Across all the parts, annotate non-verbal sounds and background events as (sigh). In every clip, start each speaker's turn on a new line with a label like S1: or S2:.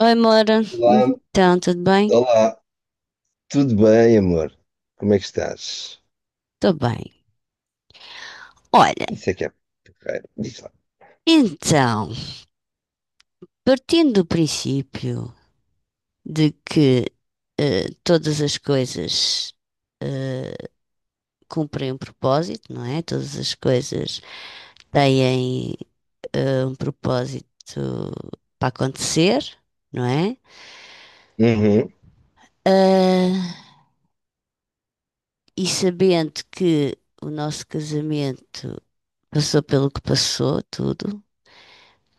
S1: Oi, Mora.
S2: Olá,
S1: Então, tudo bem?
S2: olá, tudo bem, amor? Como é que estás?
S1: Estou bem. Olha,
S2: Isso é que é porreiro. Diz lá.
S1: então, partindo do princípio de que todas as coisas eh, cumprem um propósito, não é? Todas as coisas têm um propósito para acontecer, não é?
S2: Uhum,
S1: Ah, e sabendo que o nosso casamento passou pelo que passou, tudo,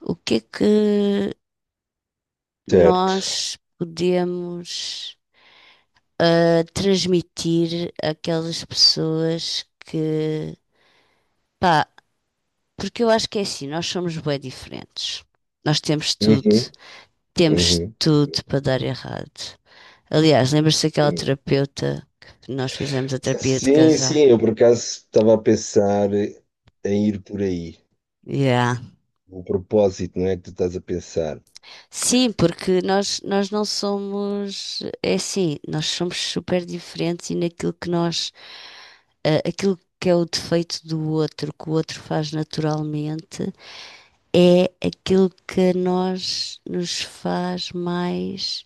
S1: o que é que
S2: certo.
S1: nós podemos transmitir àquelas pessoas que, pá, porque eu acho que é assim, nós somos bem diferentes. Nós
S2: Uhum,
S1: temos
S2: uhum.
S1: tudo para dar errado. Aliás, lembra-se daquela
S2: Hum.
S1: terapeuta que nós fizemos a terapia de
S2: Sim,
S1: casal?
S2: sim, eu por acaso estava a pensar em ir por aí.
S1: Yeah.
S2: O propósito, não é que tu estás a pensar.
S1: Sim, porque nós não somos, é assim, nós somos super diferentes e naquilo que nós aquilo que é o defeito do outro, que o outro faz naturalmente, é aquilo que a nós nos faz mais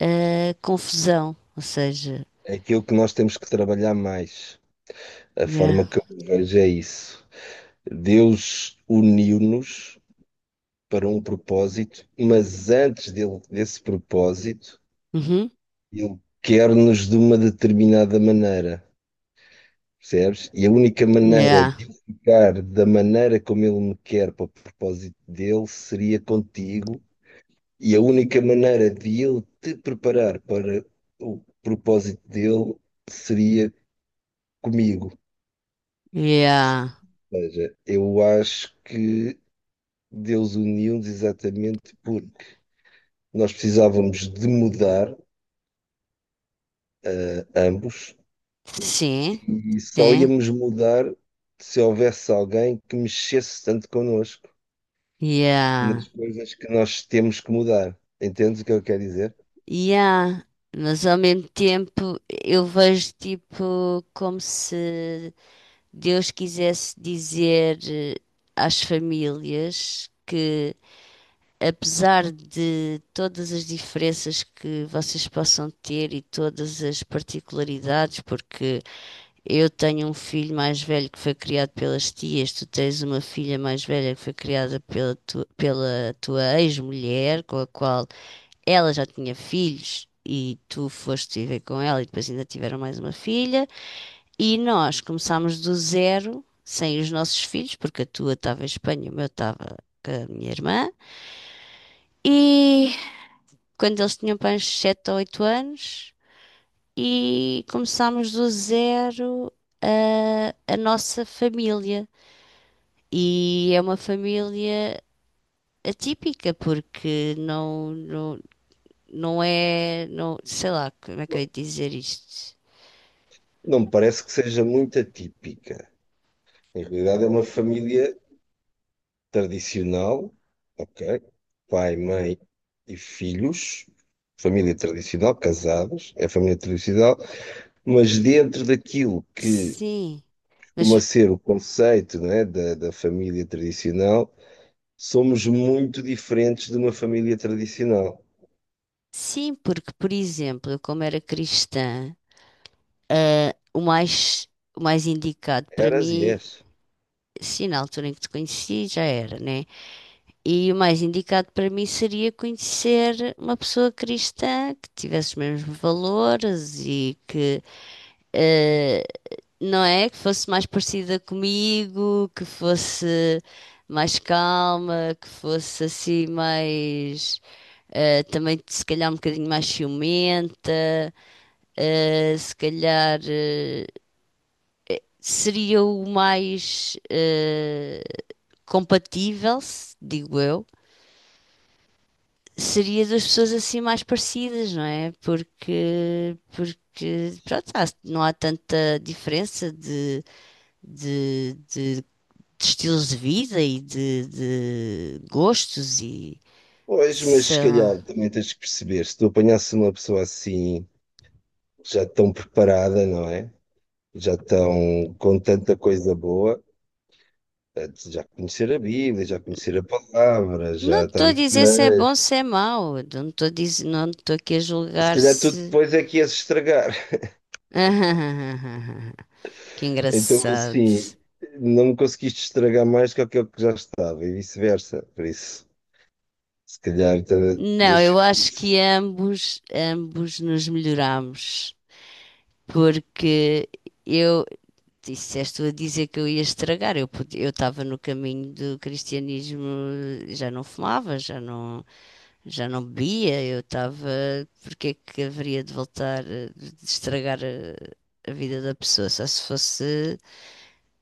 S1: confusão. Ou seja,
S2: É aquilo que nós temos que trabalhar mais. A
S1: yeah,
S2: forma que eu vejo é isso. Deus uniu-nos para um propósito, mas antes desse propósito.
S1: uhum,
S2: Ele quer-nos de uma determinada maneira, percebes? E a única maneira
S1: yeah,
S2: de eu ficar da maneira como ele me quer para o propósito dele seria contigo, e a única maneira de ele te preparar para o propósito dele seria comigo.
S1: yeah,
S2: Ou seja, eu acho que Deus uniu-nos exatamente porque nós precisávamos de mudar ambos,
S1: sim,
S2: e só
S1: sim,
S2: íamos mudar se houvesse alguém que mexesse tanto connosco
S1: yeah,
S2: nas coisas que nós temos que mudar. Entendes o que eu quero dizer?
S1: yeah. Mas ao mesmo tempo eu vejo tipo como se Deus quisesse dizer às famílias que, apesar de todas as diferenças que vocês possam ter e todas as particularidades, porque eu tenho um filho mais velho que foi criado pelas tias, tu tens uma filha mais velha que foi criada pela tua ex-mulher, com a qual ela já tinha filhos. E tu foste viver com ela e depois ainda tiveram mais uma filha. E nós começámos do zero, sem os nossos filhos, porque a tua estava em Espanha, o meu estava com a minha irmã. E quando eles tinham para uns 7 ou 8 anos, e começámos do zero a nossa família. E é uma família atípica, porque não é, não, sei lá, como é que
S2: Bom,
S1: eu ia dizer isto?
S2: não me parece que seja muito atípica. Em realidade, é uma família tradicional, ok? Pai, mãe e filhos. Família tradicional, casados, é família tradicional, mas dentro daquilo que
S1: Sim,
S2: costuma
S1: mas
S2: ser o conceito, né, da família tradicional. Somos muito diferentes de uma família tradicional.
S1: sim, porque, por exemplo, eu como era cristã, ah, o mais, o mais indicado para
S2: Eras e
S1: mim,
S2: és.
S1: sim, na altura em que te conheci, já era, né? E o mais indicado para mim seria conhecer uma pessoa cristã que tivesse os mesmos valores e que, eh, não é? Que fosse mais parecida comigo, que fosse mais calma, que fosse assim mais. Também se calhar um bocadinho mais ciumenta, eh, se calhar eh, seria o mais compatível, digo eu. Seria das pessoas assim mais parecidas, não é? Porque, porque pronto, não há tanta diferença de estilos de vida e de gostos e
S2: Pois, mas se
S1: sei lá.
S2: calhar também tens que perceber, se tu apanhasse uma pessoa assim, já tão preparada, não é? Já tão com tanta coisa boa, já conhecer a Bíblia, já conhecer a palavra,
S1: Não
S2: já está
S1: estou a
S2: na
S1: dizer se é bom,
S2: igreja.
S1: se é mau. Não estou a dizer, não estou aqui a
S2: Se
S1: julgar
S2: calhar tu
S1: se.
S2: depois é que ias estragar. (laughs)
S1: (laughs) Que
S2: Então,
S1: engraçado.
S2: assim, não me conseguiste estragar mais que aquilo que já estava e vice-versa. Por isso, se calhar,
S1: Não,
S2: Deus.
S1: eu acho que ambos nos melhoramos, porque eu, disseste a dizer que eu ia estragar. Eu estava no caminho do cristianismo, já não fumava, já não bebia. Eu estava. Porque é que haveria de voltar a de estragar a vida da pessoa? Só se fosse,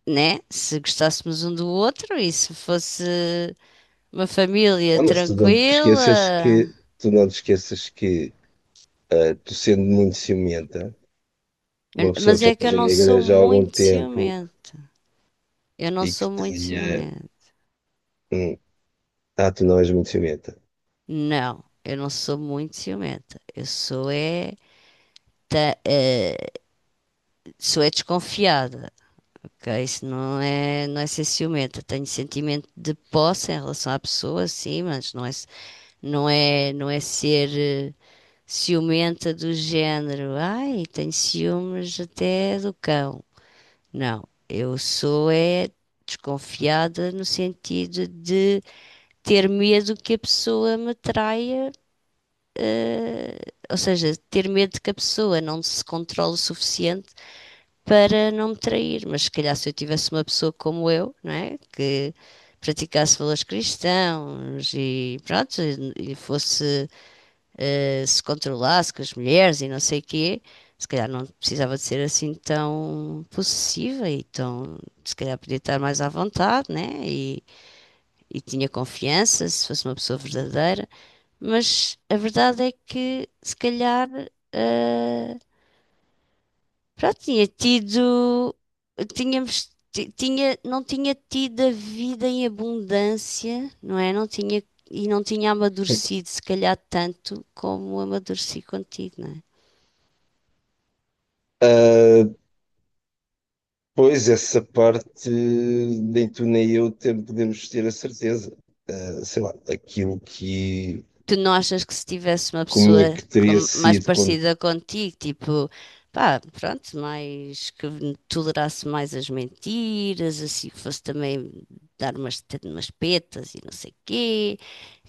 S1: né? Se gostássemos um do outro e se fosse uma família
S2: Ah, mas tu não te esqueças
S1: tranquila.
S2: que, tu não te esqueças que tu sendo muito ciumenta,
S1: Eu-
S2: uma pessoa
S1: mas
S2: que já
S1: é que eu
S2: esteja
S1: não
S2: na
S1: sou
S2: igreja há algum
S1: muito
S2: tempo
S1: ciumenta. Eu não
S2: e que
S1: sou muito
S2: tenha.
S1: ciumenta.
S2: hum, tu não és muito ciumenta.
S1: Não, eu não sou muito ciumenta. Eu sou é tá, sou é desconfiada, ok? Não é ser ciumenta. Tenho sentimento de posse em relação à pessoa, sim, mas não é ser ciumenta do género. Ai, tenho ciúmes até do cão. Não, eu sou é desconfiada no sentido de ter medo que a pessoa me traia, eh, ou seja, ter medo que a pessoa não se controle o suficiente para não me trair. Mas se calhar se eu tivesse uma pessoa como eu, não é? Que praticasse valores cristãos e pronto, e fosse, se controlasse com as mulheres e não sei o quê, se calhar não precisava de ser assim tão possessiva e tão, se calhar podia estar mais à vontade, né? E tinha confiança, se fosse uma pessoa verdadeira. Mas a verdade é que, se calhar, eh, pronto, tinha tido não tinha tido a vida em abundância, não é? Não tinha, e não tinha amadurecido, se calhar, tanto como amadureci contigo, não é?
S2: Ah, pois, essa parte nem tu nem eu podemos ter a certeza. Ah, sei lá, aquilo que.
S1: Tu não achas que se tivesse uma
S2: Como é
S1: pessoa
S2: que teria
S1: mais
S2: sido quando.
S1: parecida contigo, tipo, pá, pronto, mais que tolerasse mais as mentiras, assim, que fosse também dar umas, umas petas e não sei quê,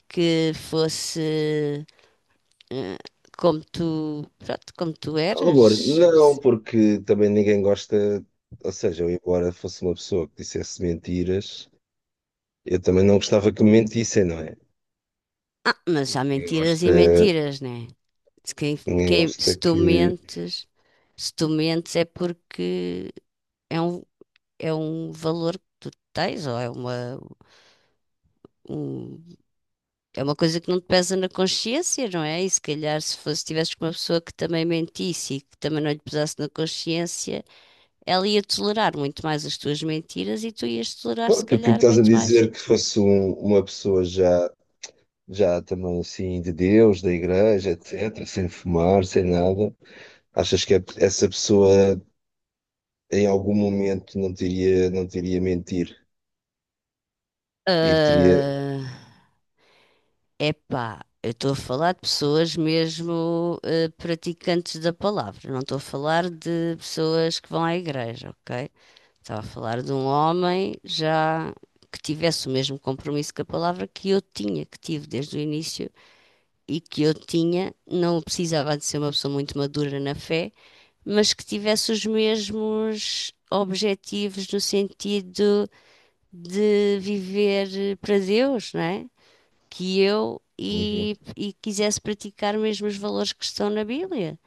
S1: que fosse eh, como tu, pronto, como tu
S2: Amor, não,
S1: eras.
S2: porque também ninguém gosta. Ou seja, eu, embora fosse uma pessoa que dissesse mentiras, eu também não gostava que me mentissem, não é?
S1: Ah, mas há
S2: Ninguém
S1: mentiras e
S2: gosta,
S1: mentiras, né? Se, quem,
S2: ninguém
S1: quem-
S2: gosta
S1: se tu
S2: que.
S1: mentes, se tu mentes é porque é um, é um valor que tu tens, ou um- é uma coisa que não te pesa na consciência, não é? E se calhar se fosse, tivesses com uma pessoa que também mentisse e que também não lhe pesasse na consciência, ela ia tolerar muito mais as tuas mentiras e tu ias tolerar, se
S2: Pronto, o que
S1: calhar,
S2: estás a
S1: muito mais.
S2: dizer que fosse uma pessoa já, também assim de Deus, da igreja, etc., sem fumar, sem nada. Achas que essa pessoa em algum momento não teria, mentir? Ir teria.
S1: Ah, epá, eu estou a falar de pessoas mesmo praticantes da palavra, não estou a falar de pessoas que vão à igreja, ok? Estava a falar de um homem já que tivesse o mesmo compromisso com a palavra que eu tinha, que tive desde o início e que eu tinha, não precisava de ser uma pessoa muito madura na fé, mas que tivesse os mesmos objetivos no sentido de viver para Deus, não é? Que eu
S2: Uhum.
S1: e quisesse praticar mesmo os valores que estão na Bíblia.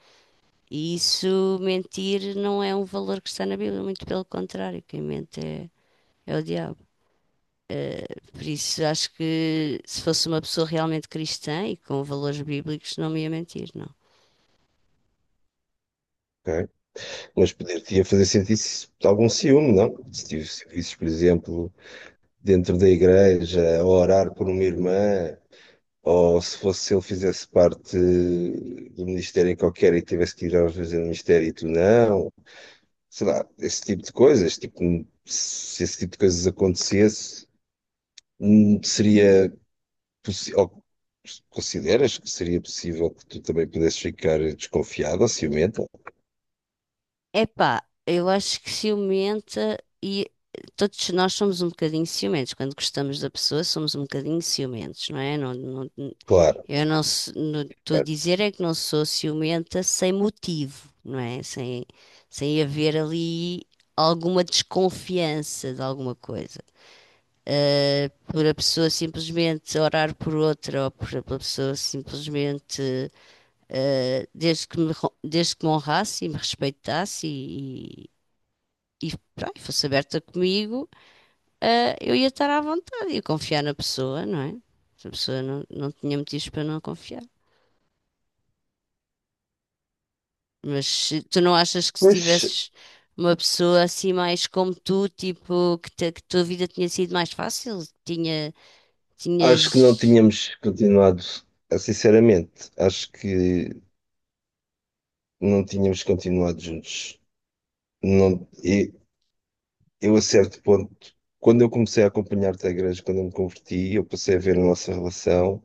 S1: E isso, mentir, não é um valor que está na Bíblia, muito pelo contrário, quem mente é o diabo. Eh, por isso, acho que se fosse uma pessoa realmente cristã e com valores bíblicos, não me ia mentir, não.
S2: Ok. Mas poder-te fazer sentir -se algum ciúme, não? Se por exemplo, dentro da igreja, a orar por uma irmã, ou se fosse ele fizesse parte do ministério em qualquer e tivesse que ir às vezes ao ministério e tu não, sei lá, esse tipo de coisas, tipo, se esse tipo de coisas acontecesse, seria possível, consideras que seria possível que tu também pudesses ficar desconfiado ou ciumento?
S1: Epá, eu acho que ciumenta e todos nós somos um bocadinho ciumentos. Quando gostamos da pessoa, somos um bocadinho ciumentos, não é? Não, não,
S2: Claro.
S1: eu não estou a dizer é que não sou ciumenta sem motivo, não é? Sem, sem haver ali alguma desconfiança de alguma coisa. Ah, por a pessoa simplesmente orar por outra, ou por pela pessoa simplesmente, ah, desde que me honrasse e me respeitasse pá, e fosse aberta comigo, ah, eu ia estar à vontade, ia confiar na pessoa, não é? Se a pessoa não, não tinha motivos para não confiar. Mas se- tu não achas que se
S2: Pois
S1: tivesses uma pessoa assim mais como tu, tipo, que a tua vida tinha sido mais fácil? Tinha,
S2: acho que não
S1: tinhas...
S2: tínhamos continuado, sinceramente, acho que não tínhamos continuado juntos. Não, e eu a certo ponto, quando eu comecei a acompanhar-te à igreja, quando eu me converti, eu passei a ver a nossa relação,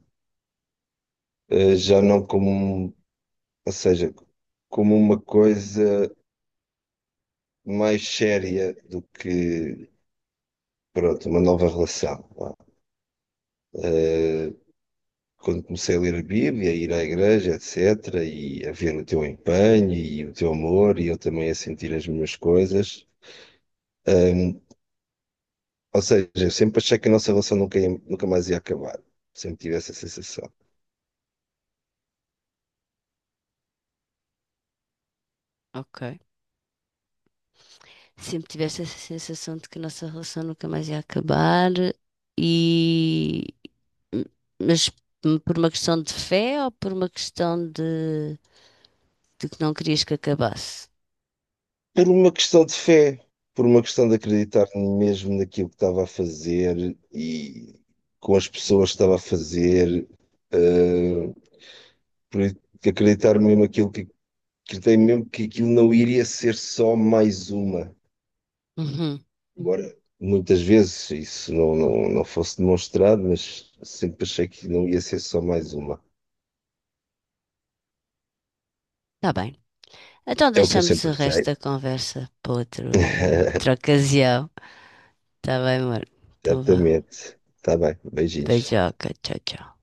S2: já não como, ou seja, como uma coisa mais séria do que, pronto, uma nova relação. Vá. Eh, quando comecei a ler a Bíblia, a ir à igreja, etc., e a ver o teu empenho e o teu amor, e eu também a sentir as minhas coisas. Ou seja, eu sempre achei que a nossa relação nunca, nunca mais ia acabar. Sempre tive essa sensação.
S1: Ok. Sempre tiveste essa sensação de que a nossa relação nunca mais ia acabar e... Mas por uma questão de fé ou por uma questão de que não querias que acabasse?
S2: Por uma questão de fé, por uma questão de acreditar mesmo naquilo que estava a fazer e com as pessoas que estava a fazer, eh, por acreditar mesmo aquilo que acreditei mesmo que aquilo não iria ser só mais uma.
S1: Uhum.
S2: Agora, muitas vezes isso não fosse demonstrado, mas sempre achei que não ia ser só mais uma.
S1: Tá bem. Então
S2: É o que eu
S1: deixamos o
S2: sempre
S1: resto
S2: achei.
S1: da conversa para outra
S2: (laughs)
S1: ocasião. Tá bem, amor. Então vá.
S2: Certamente. Está bem, beijinhos.
S1: Beijoca. Tchau, tchau.